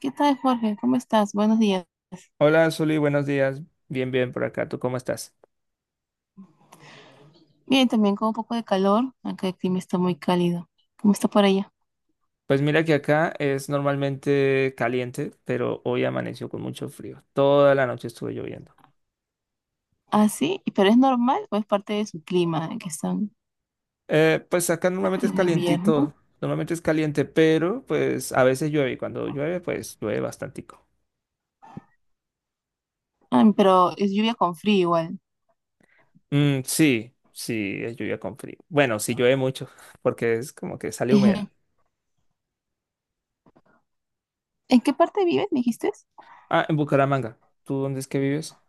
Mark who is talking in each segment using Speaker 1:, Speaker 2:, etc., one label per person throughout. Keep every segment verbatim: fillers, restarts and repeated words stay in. Speaker 1: ¿Qué tal, Jorge? ¿Cómo estás? Buenos días.
Speaker 2: Hola, Zuli, buenos días. Bien, bien por acá. ¿Tú cómo estás?
Speaker 1: Bien, también con un poco de calor, Acá el clima está muy cálido. ¿Cómo está por allá?
Speaker 2: Pues mira que acá es normalmente caliente, pero hoy amaneció con mucho frío. Toda la noche estuve lloviendo.
Speaker 1: Ah, sí, pero ¿es normal o es parte de su clima que están
Speaker 2: Eh, pues acá normalmente es
Speaker 1: en invierno?
Speaker 2: calientito, normalmente es caliente, pero pues a veces llueve y cuando llueve, pues llueve bastantico.
Speaker 1: Ah, pero es lluvia con frío igual.
Speaker 2: Mm, sí, sí, es lluvia con frío. Bueno, sí llueve mucho, porque es como que sale humedad.
Speaker 1: ¿En qué parte vives, me dijiste?
Speaker 2: Ah, en Bucaramanga. ¿Tú dónde es que vives?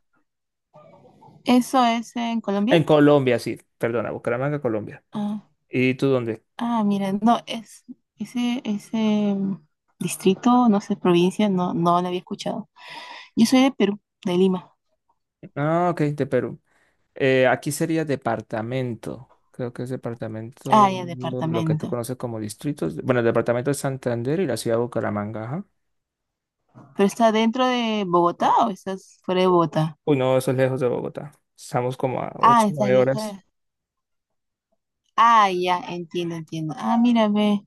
Speaker 1: ¿Eso es en Colombia?
Speaker 2: En Colombia, sí. Perdona, Bucaramanga, Colombia.
Speaker 1: Ah,
Speaker 2: ¿Y tú dónde?
Speaker 1: ah, mira, no, es ese, ese mm, distrito, no sé, provincia, no, no lo había escuchado. Yo soy de Perú, de Lima.
Speaker 2: Ah, ok, de Perú. Eh, aquí sería departamento. Creo que es
Speaker 1: Ah,
Speaker 2: departamento,
Speaker 1: ya,
Speaker 2: lo que tú
Speaker 1: departamento.
Speaker 2: conoces como distritos. Bueno, el departamento de Santander y la ciudad de Bucaramanga. Ajá.
Speaker 1: ¿Pero está dentro de Bogotá o estás fuera de Bogotá?
Speaker 2: Uy, no, eso es lejos de Bogotá. Estamos como a
Speaker 1: Ah,
Speaker 2: ocho,
Speaker 1: estás
Speaker 2: nueve
Speaker 1: lejos
Speaker 2: horas.
Speaker 1: de... Ah, ya, entiendo, entiendo. Ah, mírame,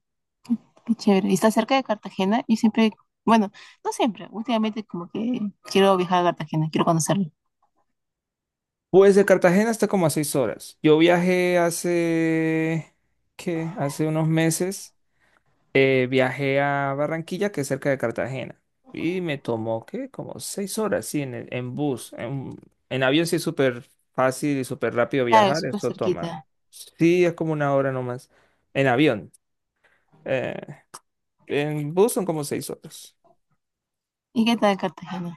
Speaker 1: qué chévere. ¿Y está cerca de Cartagena? Yo siempre, bueno, no siempre, últimamente como que quiero viajar a Cartagena, quiero conocerlo.
Speaker 2: Pues de Cartagena está como a seis horas. Yo viajé hace, ¿qué? Hace unos meses. Eh, viajé a Barranquilla, que es cerca de Cartagena, y me tomó, ¿qué? Como seis horas, sí, en, el- en bus. En, en avión sí es súper fácil y súper rápido
Speaker 1: Claro, es
Speaker 2: viajar,
Speaker 1: súper
Speaker 2: eso toma.
Speaker 1: cerquita.
Speaker 2: Sí, es como una hora nomás. En avión. eh, en bus son como seis horas.
Speaker 1: ¿Y qué tal Cartagena?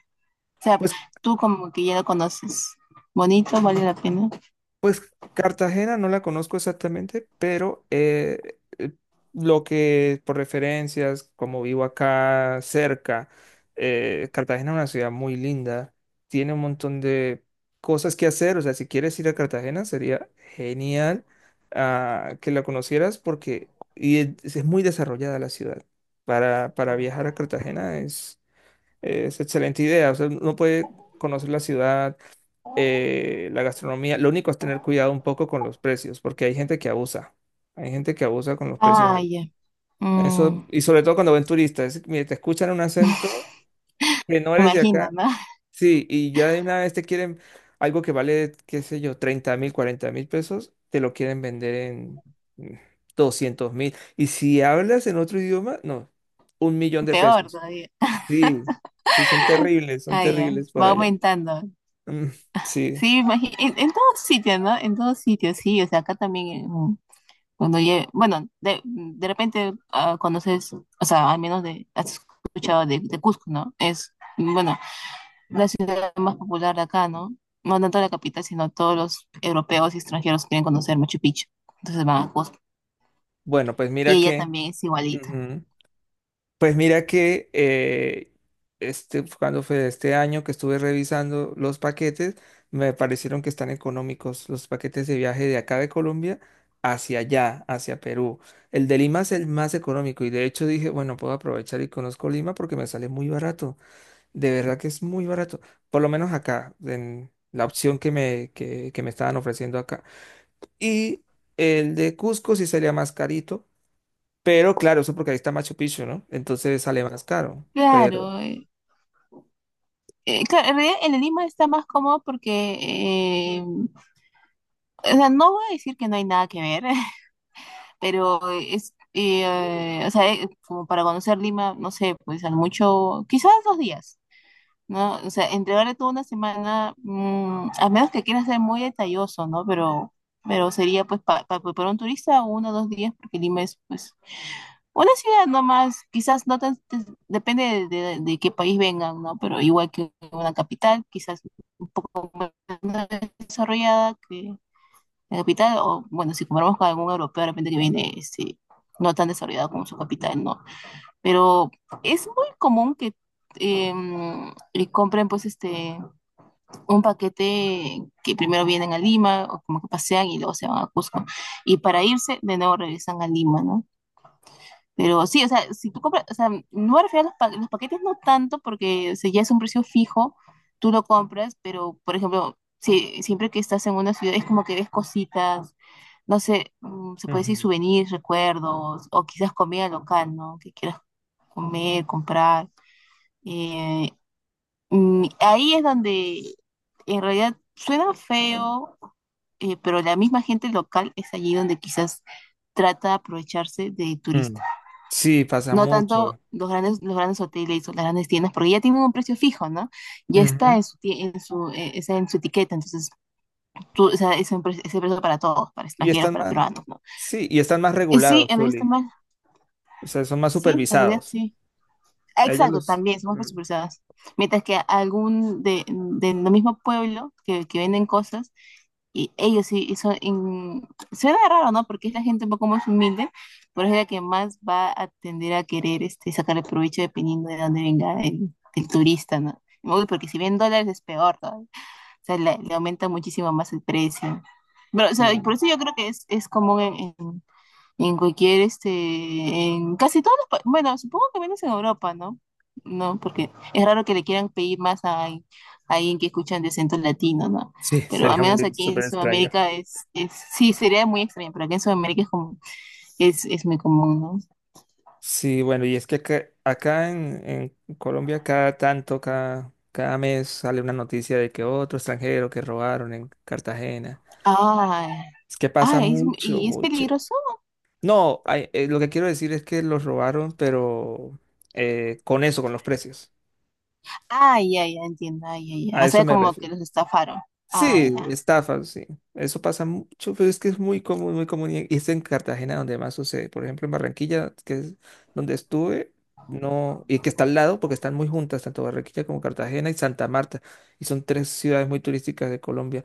Speaker 1: O sea,
Speaker 2: pues
Speaker 1: tú como que ya lo conoces. Bonito, vale la pena.
Speaker 2: Pues Cartagena no la conozco exactamente, pero eh, eh, lo que por referencias, como vivo acá cerca, eh, Cartagena es una ciudad muy linda, tiene un montón de cosas que hacer. O sea, si quieres ir a Cartagena sería genial ah, que la conocieras, porque y es, es muy desarrollada la ciudad. Para, para viajar a Cartagena es es excelente idea. O sea, uno puede conocer la ciudad, eh, la gastronomía. Lo único es tener cuidado un poco con los precios, porque hay gente que abusa. Hay gente que abusa con los precios
Speaker 1: Ah,
Speaker 2: allá.
Speaker 1: ya.
Speaker 2: Eso,
Speaker 1: Mm,
Speaker 2: y sobre todo cuando ven turistas, es- mire, te escuchan un acento que no
Speaker 1: me
Speaker 2: eres de
Speaker 1: imagino,
Speaker 2: acá.
Speaker 1: ¿no?
Speaker 2: Sí, y ya de una vez te quieren algo que vale, qué sé yo, treinta mil, cuarenta mil pesos, te lo quieren vender en mm, doscientos mil. Y si hablas en otro idioma, no, un millón de
Speaker 1: Peor
Speaker 2: pesos.
Speaker 1: todavía.
Speaker 2: Sí, sí, son terribles, son
Speaker 1: Ah, ya.
Speaker 2: terribles por
Speaker 1: Va
Speaker 2: allá.
Speaker 1: aumentando.
Speaker 2: Mm, sí,
Speaker 1: Sí, imagi- en, en, todos sitios, ¿no? En todos sitios, sí. O sea, acá también, eh, cuando lle- bueno, de, de repente ah, conoces, o sea, al menos de, has escuchado de, de Cusco, ¿no? Es, bueno, la ciudad más popular de acá, ¿no? No tanto la capital, sino todos los europeos y extranjeros quieren conocer Machu Picchu. Entonces van a Cusco.
Speaker 2: bueno, pues
Speaker 1: Y
Speaker 2: mira
Speaker 1: ella
Speaker 2: que,
Speaker 1: también es igualita.
Speaker 2: ujú. Pues mira que eh, este, cuando fue este año que estuve revisando los paquetes, me parecieron que están económicos los paquetes de viaje de acá de Colombia hacia allá, hacia Perú. El de Lima es el más económico y de hecho dije, bueno, puedo aprovechar y conozco Lima porque me sale muy barato. De verdad que es muy barato, por lo menos acá, en la opción que me, que que me estaban ofreciendo acá. Y el de Cusco sí salía más carito. Pero claro, eso porque ahí está Machu Picchu, ¿no? Entonces sale más caro. Pero.
Speaker 1: Claro. Eh, eh, claro, en realidad en Lima está más cómodo porque, eh, o sea, no voy a decir que no hay nada que ver, pero eh, es, eh, o sea, eh, como para conocer Lima, no sé, pues al mucho, quizás dos días, ¿no? O sea, entregarle toda una semana, mm, a menos que quieras ser muy detalloso, ¿no? Pero, pero sería pues pa- pa- pa- para un turista uno o dos días, porque Lima es pues una ciudad nomás, quizás no tan, te- depende de, de- de qué país vengan, ¿no? Pero igual que una capital, quizás menos desarrollada, la capital, o bueno, si comparamos con algún europeo de repente que viene este, no tan desarrollado como su capital, ¿no? Pero es muy común que em, y compren pues este un paquete que primero vienen a Lima o como que pasean y luego se van a Cusco y para irse de nuevo regresan a Lima, ¿no? Pero sí, o sea, si tú compras, o sea, no me refiero a los, pa- los paquetes no tanto porque o sea, ya es un precio fijo, tú lo compras, pero por ejemplo, si, siempre que estás en una ciudad es como que ves cositas no sé, mm, se puede decir
Speaker 2: Ujú.
Speaker 1: souvenirs, recuerdos, o quizás comida local, ¿no? Que quieras comer, comprar. Eh, mm, ahí es donde en realidad suena feo, eh, pero la misma gente local es allí donde quizás trata de aprovecharse de
Speaker 2: Mm,
Speaker 1: turista.
Speaker 2: sí, pasa
Speaker 1: No tanto
Speaker 2: mucho.
Speaker 1: los grandes, los grandes, hoteles o las grandes tiendas, porque ya tienen un precio fijo, ¿no? Ya está
Speaker 2: Ujú.
Speaker 1: en su, tie- en su, eh, está en su etiqueta, entonces tú, o sea, es un pre- ese precio para todos, para
Speaker 2: Y
Speaker 1: extranjeros,
Speaker 2: están
Speaker 1: para
Speaker 2: más,
Speaker 1: peruanos, ¿no?
Speaker 2: sí, y están más
Speaker 1: Eh, Sí,
Speaker 2: regulados,
Speaker 1: en realidad está
Speaker 2: Zuli.
Speaker 1: más.
Speaker 2: O sea, son más
Speaker 1: Sí, la realidad
Speaker 2: supervisados.
Speaker 1: sí. Ah,
Speaker 2: Ellos
Speaker 1: exacto,
Speaker 2: los,
Speaker 1: también somos
Speaker 2: mm,
Speaker 1: presupuestadas. Mientras que algún de, del mismo pueblo que, que venden cosas, y ellos sí, y son, in- suena raro, ¿no? Porque es la gente un poco más humilde, pero es la que más va a tender a querer este, sacarle provecho dependiendo de dónde venga el, el turista, ¿no? Uy, porque si bien dólares es peor, ¿no? O sea, le, le aumenta muchísimo más el precio. Pero, o sea, y
Speaker 2: sí.
Speaker 1: por eso yo creo que es, es común en, en cualquier, este, en casi todos los, pa- bueno, supongo que menos en Europa, ¿no? No, porque es raro que le quieran pedir más a, alguien a alguien que escuchan de acento latino, ¿no?
Speaker 2: Sí,
Speaker 1: Pero al
Speaker 2: sería
Speaker 1: menos
Speaker 2: muy
Speaker 1: aquí en
Speaker 2: súper extraño.
Speaker 1: Sudamérica es, es, sí, sería muy extraño, pero aquí en Sudamérica es como, es, es muy común, ¿no?
Speaker 2: Sí, bueno, y es que acá, acá en, en Colombia cada tanto, cada, cada mes sale una noticia de que otro extranjero que robaron en Cartagena.
Speaker 1: Ah,
Speaker 2: Es que pasa
Speaker 1: ah, es,
Speaker 2: mucho,
Speaker 1: ¿y es
Speaker 2: mucho.
Speaker 1: peligroso?
Speaker 2: No, ay, eh, lo que quiero decir es que los robaron, pero eh, con eso, con los precios.
Speaker 1: Ah, ya, ya, entiendo, ah, ya, ya.
Speaker 2: A
Speaker 1: O
Speaker 2: eso
Speaker 1: sea,
Speaker 2: me
Speaker 1: como que
Speaker 2: refiero.
Speaker 1: los estafaron. Ah,
Speaker 2: Sí,
Speaker 1: ya.
Speaker 2: estafas, sí. Eso pasa mucho, pero es que es muy común, muy común. Y es en Cartagena donde más sucede. Por ejemplo, en Barranquilla, que es donde estuve, no, y que está al lado, porque están muy juntas, tanto Barranquilla como Cartagena y Santa Marta. Y son tres ciudades muy turísticas de Colombia.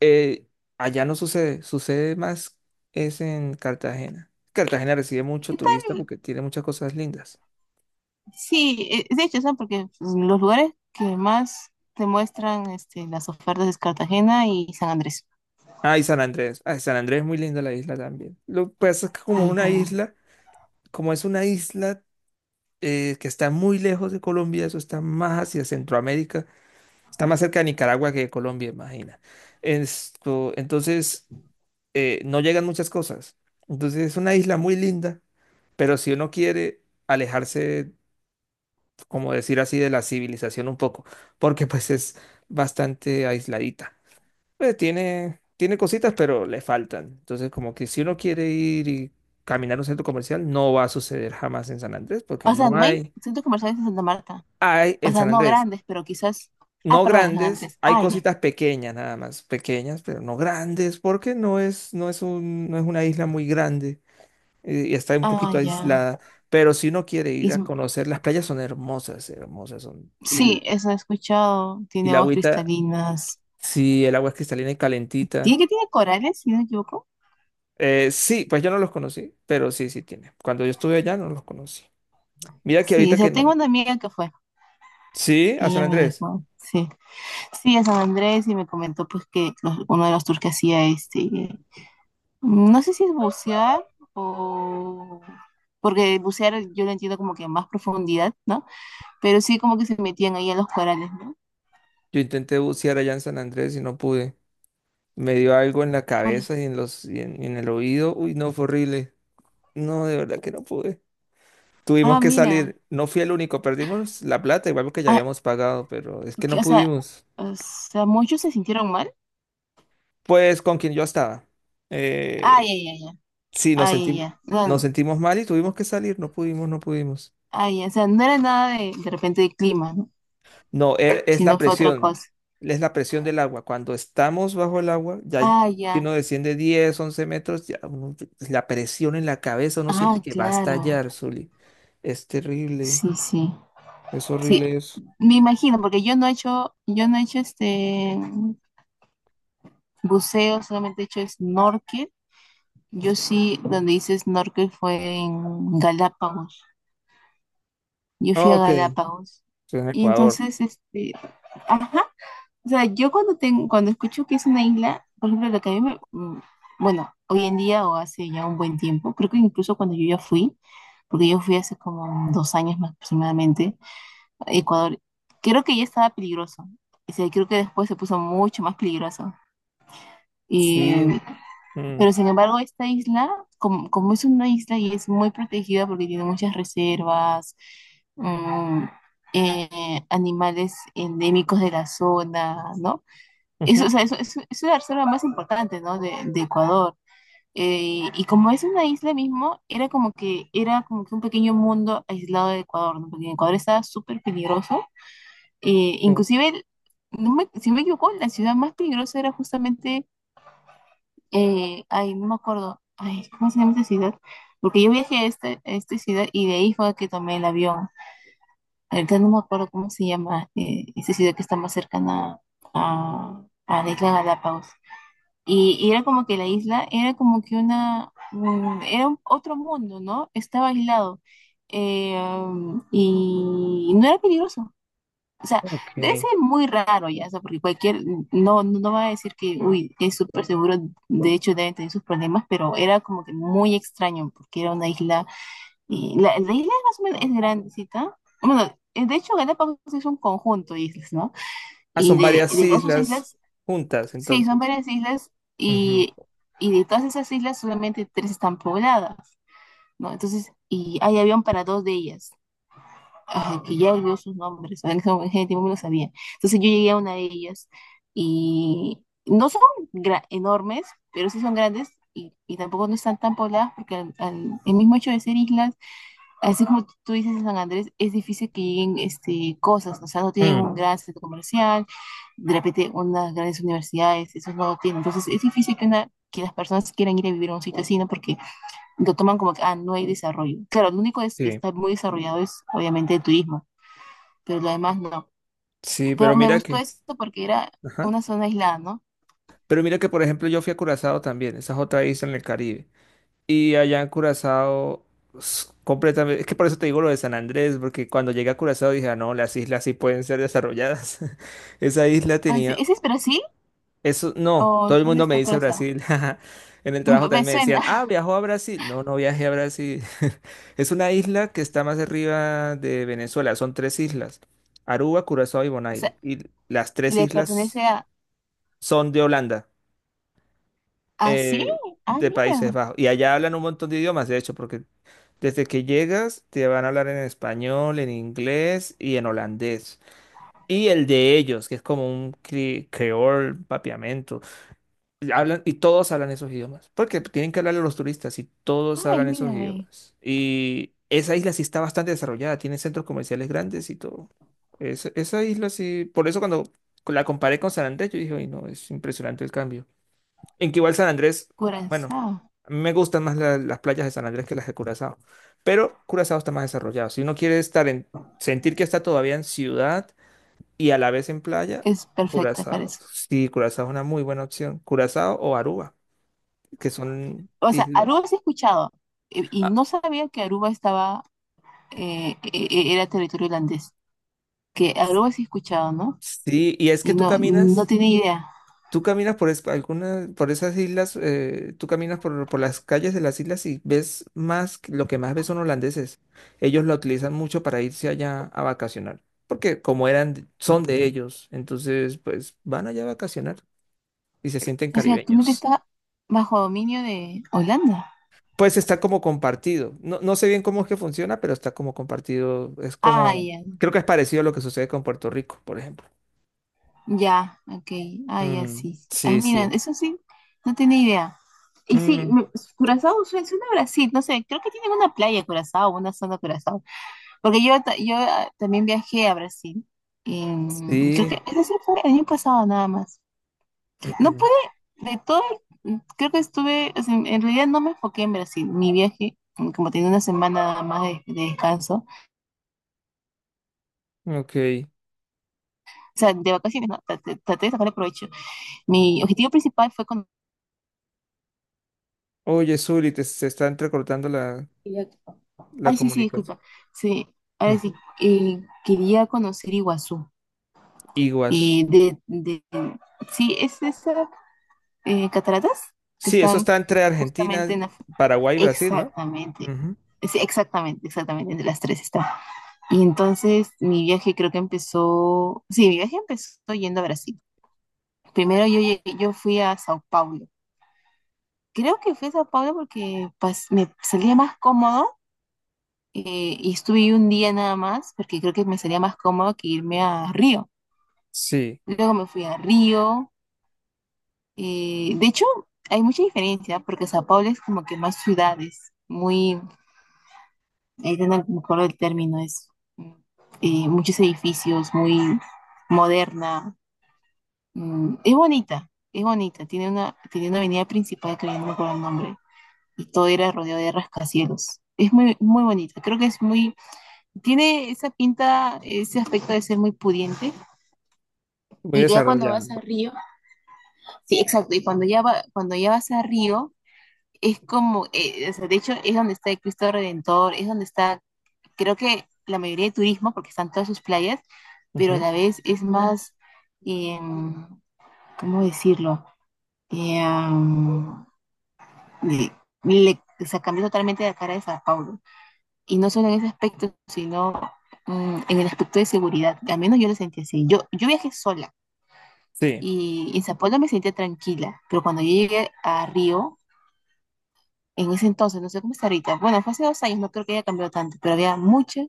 Speaker 2: Eh, allá no sucede, sucede más es en Cartagena. Cartagena recibe
Speaker 1: ¿Y
Speaker 2: mucho
Speaker 1: qué
Speaker 2: turista
Speaker 1: tal?
Speaker 2: porque tiene muchas cosas lindas.
Speaker 1: Sí, eh, de hecho, ¿sabes? Porque pues, los lugares que más te muestran este, las ofertas es Cartagena y San Andrés.
Speaker 2: Ah, y San Andrés. Ah, San Andrés es muy linda la isla también. Lo que pasa es que como
Speaker 1: Y,
Speaker 2: una
Speaker 1: um,
Speaker 2: isla, como es una isla eh, que está muy lejos de Colombia, eso está más hacia Centroamérica, está más cerca de Nicaragua que de Colombia, imagina. Esto, entonces, eh, no llegan muchas cosas. Entonces es una isla muy linda, pero si uno quiere alejarse, como decir así, de la civilización un poco, porque pues es bastante aisladita. Pues tiene, tiene cositas, pero le faltan. Entonces, como que si uno quiere ir y caminar a un centro comercial, no va a suceder jamás en San Andrés, porque
Speaker 1: o sea,
Speaker 2: no
Speaker 1: no hay
Speaker 2: hay,
Speaker 1: centros comerciales en Santa Marta.
Speaker 2: hay
Speaker 1: O
Speaker 2: en
Speaker 1: sea,
Speaker 2: San
Speaker 1: no
Speaker 2: Andrés,
Speaker 1: grandes, pero quizás... Ah,
Speaker 2: no
Speaker 1: perdón, en San
Speaker 2: grandes,
Speaker 1: Andrés.
Speaker 2: hay
Speaker 1: Ah, ya.
Speaker 2: cositas pequeñas nada más, pequeñas, pero no grandes, porque no es, no es un, no es una isla muy grande eh, y está un
Speaker 1: Ah,
Speaker 2: poquito
Speaker 1: ya.
Speaker 2: aislada. Pero si uno quiere
Speaker 1: Y
Speaker 2: ir
Speaker 1: es-
Speaker 2: a conocer, las playas son hermosas, hermosas son. Y,
Speaker 1: sí, eso he escuchado.
Speaker 2: y
Speaker 1: Tiene
Speaker 2: la
Speaker 1: aguas
Speaker 2: agüita,
Speaker 1: cristalinas.
Speaker 2: sí, el agua es cristalina y
Speaker 1: ¿Tiene
Speaker 2: calentita.
Speaker 1: que tiene corales, si no me equivoco?
Speaker 2: Eh, sí, pues yo no los conocí, pero sí, sí tiene. Cuando yo estuve allá no los conocí. Mira que
Speaker 1: Sí, o
Speaker 2: ahorita
Speaker 1: sea,
Speaker 2: que
Speaker 1: tengo
Speaker 2: no.
Speaker 1: una amiga que fue.
Speaker 2: Sí, a
Speaker 1: Y
Speaker 2: San
Speaker 1: ella me
Speaker 2: Andrés.
Speaker 1: dijo, sí. Sí, a San Andrés y me comentó pues que los- uno de los tours que hacía este, Mm, no sé si es bucear o... Porque bucear yo lo entiendo como que a más profundidad, ¿no? Pero sí como que se metían ahí a los corales, ¿no?
Speaker 2: Yo intenté bucear allá en San Andrés y no pude. Me dio algo en la
Speaker 1: Por-
Speaker 2: cabeza y en los, y en, y en el oído. Uy, no, fue horrible. No, de verdad que no pude. Tuvimos
Speaker 1: Ah,
Speaker 2: que
Speaker 1: mira.
Speaker 2: salir. No fui el único. Perdimos la plata, igual que ya
Speaker 1: Ah,
Speaker 2: habíamos pagado, pero es que
Speaker 1: que-
Speaker 2: no
Speaker 1: o sea,
Speaker 2: pudimos.
Speaker 1: o sea, muchos se sintieron mal.
Speaker 2: Pues con quien yo estaba.
Speaker 1: Ay,
Speaker 2: Eh,
Speaker 1: ay, ay, ay.
Speaker 2: sí, nos
Speaker 1: Ay, ay,
Speaker 2: sentimos,
Speaker 1: ay.
Speaker 2: nos
Speaker 1: No,
Speaker 2: sentimos mal y tuvimos que salir. No pudimos, no pudimos.
Speaker 1: ay, ya. O sea, no era nada de, de, repente de clima, ¿no?
Speaker 2: No, e- es la
Speaker 1: Sino fue otra
Speaker 2: presión,
Speaker 1: cosa.
Speaker 2: es la presión del agua. Cuando estamos bajo el agua, ya
Speaker 1: Ah,
Speaker 2: que
Speaker 1: ya.
Speaker 2: uno desciende diez, once metros, ya uno, la presión en la cabeza, uno siente
Speaker 1: Ah,
Speaker 2: que va a
Speaker 1: claro.
Speaker 2: estallar, Zuli. Es terrible,
Speaker 1: Sí, sí.
Speaker 2: es
Speaker 1: Sí.
Speaker 2: horrible eso.
Speaker 1: Me imagino, porque yo no he hecho, yo no he hecho este buceo, solamente he hecho snorkel. Yo sí, donde dices snorkel fue en Galápagos. Yo fui a
Speaker 2: Ok, estoy
Speaker 1: Galápagos.
Speaker 2: en
Speaker 1: Y
Speaker 2: Ecuador.
Speaker 1: entonces, este, ajá. O sea, yo cuando tengo, cuando escucho que es una isla, por ejemplo, lo que a mí me, mm, bueno, hoy en día o hace ya un buen tiempo, creo que incluso cuando yo ya fui, porque yo fui hace como dos años más aproximadamente a Ecuador, creo que ya estaba peligroso. O sea, creo que después se puso mucho más peligroso. Y
Speaker 2: Sí. Mm,
Speaker 1: pero sin embargo, esta isla, como, como es una isla y es muy protegida porque tiene muchas reservas, mm, eh, animales endémicos de la zona, ¿no? Eso, o
Speaker 2: ujú,
Speaker 1: sea, eso, eso- es la reserva más importante, ¿no? De, de Ecuador. Eh, y como es una isla mismo, era como que era como que un pequeño mundo aislado de Ecuador, ¿no? Porque Ecuador estaba súper peligroso. Eh,
Speaker 2: sí,
Speaker 1: inclusive, no me- si no me equivoco, la ciudad más peligrosa era justamente eh, ay, no me acuerdo, ay, ¿cómo se llama esta ciudad? Porque yo viajé a esta, a esta ciudad y de ahí fue que tomé el avión. Ahorita no me acuerdo cómo se llama eh, esta ciudad que está más cercana a, a la isla Galápagos. Y, y era como que la isla era como que una, mm, era un- otro mundo, ¿no? Estaba aislado. Eh, um, y no era peligroso. O sea,
Speaker 2: ok.
Speaker 1: debe ser muy raro ya, o sea, porque cualquier, no, no va a decir que, uy, es súper seguro, de hecho deben tener sus problemas, pero era como que muy extraño, porque era una isla, y la, la isla más o menos es grandecita, bueno, eh, de hecho Galápagos es un conjunto de islas, ¿no?
Speaker 2: Ah,
Speaker 1: Y
Speaker 2: son
Speaker 1: de,
Speaker 2: varias
Speaker 1: de todas sus
Speaker 2: islas
Speaker 1: islas,
Speaker 2: juntas,
Speaker 1: sí, son
Speaker 2: entonces.
Speaker 1: varias islas,
Speaker 2: Ujú,
Speaker 1: y, y de todas esas islas solamente tres están pobladas, ¿no? Entonces, y hay avión para dos de ellas. Ajá, que ya olvidó sus nombres, en ese en ese tiempo me lo sabía. Entonces yo llegué a una de ellas y no son gra- enormes, pero sí son grandes y, y tampoco no están tan pobladas porque al- al- el mismo hecho de ser islas, así como tú dices en San Andrés, es difícil que lleguen este, cosas, o sea, no tienen
Speaker 2: mm,
Speaker 1: un gran centro comercial, de repente unas grandes universidades, eso no lo tienen. Entonces es difícil que una... que las personas quieran ir a vivir a un sitio así, ¿no? Porque lo toman como que, ah, no hay desarrollo. Claro, lo único es que
Speaker 2: sí,
Speaker 1: está muy desarrollado es obviamente el turismo, pero lo demás no.
Speaker 2: sí,
Speaker 1: Pero
Speaker 2: pero
Speaker 1: me
Speaker 2: mira
Speaker 1: gustó
Speaker 2: que,
Speaker 1: eso porque era
Speaker 2: ajá.
Speaker 1: una zona aislada, ¿no?
Speaker 2: Pero mira que, por ejemplo, yo fui a Curazao también, esa es otra isla en el Caribe. Y allá en Curazao, s- completamente. Es que por eso te digo lo de San Andrés, porque cuando llegué a Curazao dije, "Ah, no, las islas sí pueden ser desarrolladas". Esa isla
Speaker 1: Ah, sí,
Speaker 2: tenía.
Speaker 1: ¿ese es Brasil?
Speaker 2: Eso, no,
Speaker 1: ¿O
Speaker 2: todo el
Speaker 1: dónde
Speaker 2: mundo me
Speaker 1: está
Speaker 2: dice
Speaker 1: Curazao?
Speaker 2: Brasil. En el
Speaker 1: Me,
Speaker 2: trabajo también
Speaker 1: me
Speaker 2: me
Speaker 1: suena.
Speaker 2: decían, ah, viajó a Brasil. No, no viajé a Brasil. Es una isla que está más arriba de Venezuela. Son tres islas: Aruba, Curazao y
Speaker 1: O
Speaker 2: Bonaire.
Speaker 1: sea,
Speaker 2: Y las
Speaker 1: y
Speaker 2: tres
Speaker 1: le pertenece
Speaker 2: islas
Speaker 1: a...
Speaker 2: son de Holanda,
Speaker 1: ¿Ah, sí?
Speaker 2: eh,
Speaker 1: Ah,
Speaker 2: de Países
Speaker 1: mira.
Speaker 2: Bajos. Y allá hablan un montón de idiomas, de hecho, porque desde que llegas, te van a hablar en español, en inglés y en holandés. Y el de ellos, que es como un cre- creol, papiamento. Y Hablan, y todos hablan esos idiomas. Porque tienen que hablarle a los turistas y todos
Speaker 1: Ay,
Speaker 2: hablan esos
Speaker 1: mira, ve.
Speaker 2: idiomas. Y esa isla sí está bastante desarrollada, tiene centros comerciales grandes y todo. Es- esa isla sí. Por eso cuando la comparé con San Andrés, yo dije, uy, no, es impresionante el cambio. En que igual San Andrés, bueno,
Speaker 1: Curazao.
Speaker 2: a mí me gustan más la- las playas de San Andrés que las de Curazao, pero Curazao está más desarrollado. Si uno quiere estar en, sentir que está todavía en ciudad y a la vez en playa,
Speaker 1: Es perfecta,
Speaker 2: Curazao.
Speaker 1: parece.
Speaker 2: Sí, Curazao es una muy buena opción. Curazao o Aruba, que son
Speaker 1: O sea,
Speaker 2: islas.
Speaker 1: Aruba sí he escuchado. Y, y
Speaker 2: Ah,
Speaker 1: no sabía que Aruba estaba... eh, e- e- era territorio holandés. Que Aruba sí he escuchado, ¿no?
Speaker 2: sí, y es que
Speaker 1: Y
Speaker 2: tú
Speaker 1: no, no
Speaker 2: caminas.
Speaker 1: tenía idea.
Speaker 2: ¿Tú caminas por es- alguna, por esas islas? eh, ¿tú caminas por, por las calles de las islas y ves más, que- lo que más ves son holandeses? Ellos la utilizan mucho para irse allá a vacacionar, porque como eran, de- son de ellos, entonces pues van allá a vacacionar y se sienten
Speaker 1: O sea, tu mente
Speaker 2: caribeños.
Speaker 1: está bajo dominio de Holanda.
Speaker 2: Pues está como compartido. No, no sé bien cómo es que funciona, pero está como compartido. Es
Speaker 1: Ah,
Speaker 2: como,
Speaker 1: ya.
Speaker 2: creo que es parecido a lo que sucede con Puerto Rico, por ejemplo.
Speaker 1: Ya, ok. Ah, ya
Speaker 2: Mm,
Speaker 1: sí. Ah,
Speaker 2: sí,
Speaker 1: mira,
Speaker 2: sí.
Speaker 1: eso sí, no tenía idea. Y sí,
Speaker 2: Mm,
Speaker 1: me- Curazao suena, suena a Brasil, no sé, creo que tienen una playa Curazao, una zona Curazao. Porque yo, ta- yo ah, también viajé a Brasil. en- creo
Speaker 2: sí.
Speaker 1: que ese sí fue el año pasado nada más. No pude, de todo, el- creo que estuve, o sea, en en realidad no me enfoqué en Brasil. Mi viaje, mm, como tenía una semana nada más de, de descanso, o
Speaker 2: Ok.
Speaker 1: sea, de vacaciones, no, traté traté de sacarle provecho. Mi objetivo principal fue
Speaker 2: Oye, Zuli, te- se está entrecortando la,
Speaker 1: conocer.
Speaker 2: la
Speaker 1: Ay, sí, sí,
Speaker 2: comunicación.
Speaker 1: disculpa. Sí, ahora sí,
Speaker 2: Ujú.
Speaker 1: eh, quería conocer Iguazú. Eh,
Speaker 2: Iguas.
Speaker 1: de, de, sí, es esas eh, cataratas que
Speaker 2: Sí, eso
Speaker 1: están
Speaker 2: está entre
Speaker 1: justamente
Speaker 2: Argentina,
Speaker 1: en la... fu-
Speaker 2: Paraguay y Brasil, ¿no?
Speaker 1: Exactamente,
Speaker 2: Ujú.
Speaker 1: sí, exactamente, exactamente, entre las tres está. Y entonces mi viaje creo que empezó, sí, mi viaje empezó yendo a Brasil. Primero yo, llegué- yo fui a Sao Paulo. Creo que fui a Sao Paulo porque pas- me salía más cómodo eh, y estuve ahí un día nada más porque creo que me salía más cómodo que irme a Río.
Speaker 2: Sí,
Speaker 1: Luego me fui a Río. Eh, de hecho, hay mucha diferencia porque Sao Paulo es como que más ciudades, muy, ahí no me acuerdo el término, es mm, eh, muchos edificios, muy moderna. Mm, es bonita, es bonita. Tiene una, tiene una avenida principal que ya no me acuerdo el nombre y todo era rodeado de rascacielos. Es muy, muy bonita. Creo que es muy. Tiene esa pinta, ese aspecto de ser muy pudiente.
Speaker 2: muy
Speaker 1: Y que ya cuando vas a
Speaker 2: desarrollado.
Speaker 1: Río, sí, exacto, y cuando ya, va, cuando ya vas a Río, es como, eh, o sea, de hecho, es donde está el Cristo Redentor, es donde está, creo que la mayoría de turismo, porque están todas sus playas, pero a
Speaker 2: Ujú.
Speaker 1: la vez es más, eh, ¿cómo decirlo? Eh, um, Le, le- o sea, cambió totalmente la cara de Sao Paulo. Y no solo en ese aspecto, sino mm, en el aspecto de seguridad. Al menos yo lo sentí así. Yo, yo viajé sola
Speaker 2: Sí,
Speaker 1: y en Sao Paulo me sentía tranquila, pero cuando yo llegué a Río, en ese entonces, no sé cómo está ahorita, bueno, fue hace dos años, no creo que haya cambiado tanto, pero había mucha,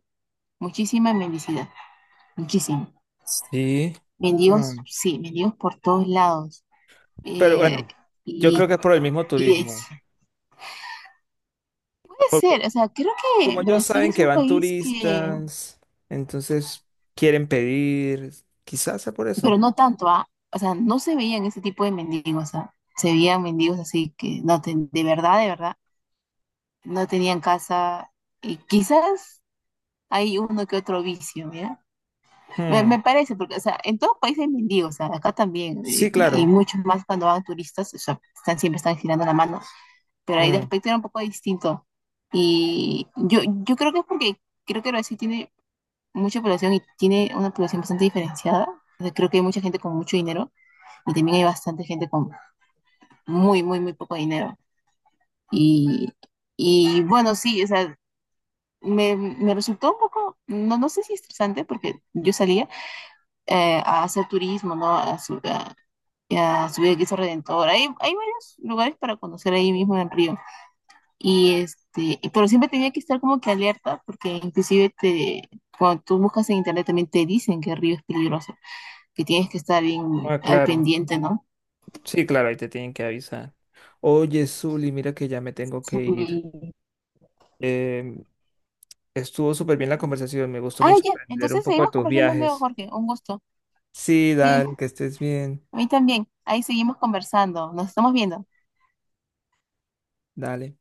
Speaker 1: muchísima mendicidad, muchísima.
Speaker 2: sí.
Speaker 1: Mendigos,
Speaker 2: Mm.
Speaker 1: sí, mendigos por todos lados.
Speaker 2: Pero
Speaker 1: Eh,
Speaker 2: bueno, yo
Speaker 1: y,
Speaker 2: creo que es por el mismo
Speaker 1: y es-
Speaker 2: turismo.
Speaker 1: puede
Speaker 2: Porque
Speaker 1: ser, o sea, creo que
Speaker 2: como ellos
Speaker 1: Brasil
Speaker 2: saben
Speaker 1: es
Speaker 2: que
Speaker 1: un
Speaker 2: van
Speaker 1: país que,
Speaker 2: turistas, entonces quieren pedir, quizás sea por eso.
Speaker 1: pero no tanto, ¿ah? O sea, no se veían ese tipo de mendigos, ¿ah? Se veían mendigos así que no ten- de verdad, de verdad, no tenían casa. Y quizás hay uno que otro vicio, mira. Me, me
Speaker 2: Mm.
Speaker 1: parece, porque, o sea, en todo país hay mendigos, o sea, acá también, eh,
Speaker 2: Sí,
Speaker 1: y, y
Speaker 2: claro.
Speaker 1: muchos más cuando van turistas, o sea, están, siempre están girando la mano, pero ahí de
Speaker 2: Mm.
Speaker 1: aspecto era un poco distinto. Y yo, yo creo que es porque creo que Brasil tiene mucha población y tiene una población bastante diferenciada. O sea, creo que hay mucha gente con mucho dinero y también hay bastante gente con muy, muy, muy poco dinero. Y, y bueno, sí, o sea, me, me resultó un poco, no, no sé si estresante, porque yo salía, eh, a hacer turismo, ¿no? A, su- a- a subir a Cristo Redentor. Hay, hay varios lugares para conocer ahí mismo en Río. Y este, pero siempre tenía que estar como que alerta, porque inclusive te, cuando tú buscas en internet también te dicen que Río es peligroso, que tienes que estar bien
Speaker 2: Ah,
Speaker 1: al
Speaker 2: claro.
Speaker 1: pendiente, ¿no?
Speaker 2: Sí, claro, ahí te tienen que avisar. Oye, Zuli, mira que ya me tengo que ir.
Speaker 1: Sí.
Speaker 2: Em, estuvo súper bien la conversación, me gustó
Speaker 1: Ah,
Speaker 2: mucho
Speaker 1: ya.
Speaker 2: aprender un
Speaker 1: Entonces
Speaker 2: poco de
Speaker 1: seguimos
Speaker 2: tus
Speaker 1: conversando luego,
Speaker 2: viajes.
Speaker 1: Jorge. Un gusto.
Speaker 2: Sí,
Speaker 1: Sí,
Speaker 2: dale, que estés bien.
Speaker 1: a mí también. Ahí seguimos conversando. Nos estamos viendo.
Speaker 2: Dale.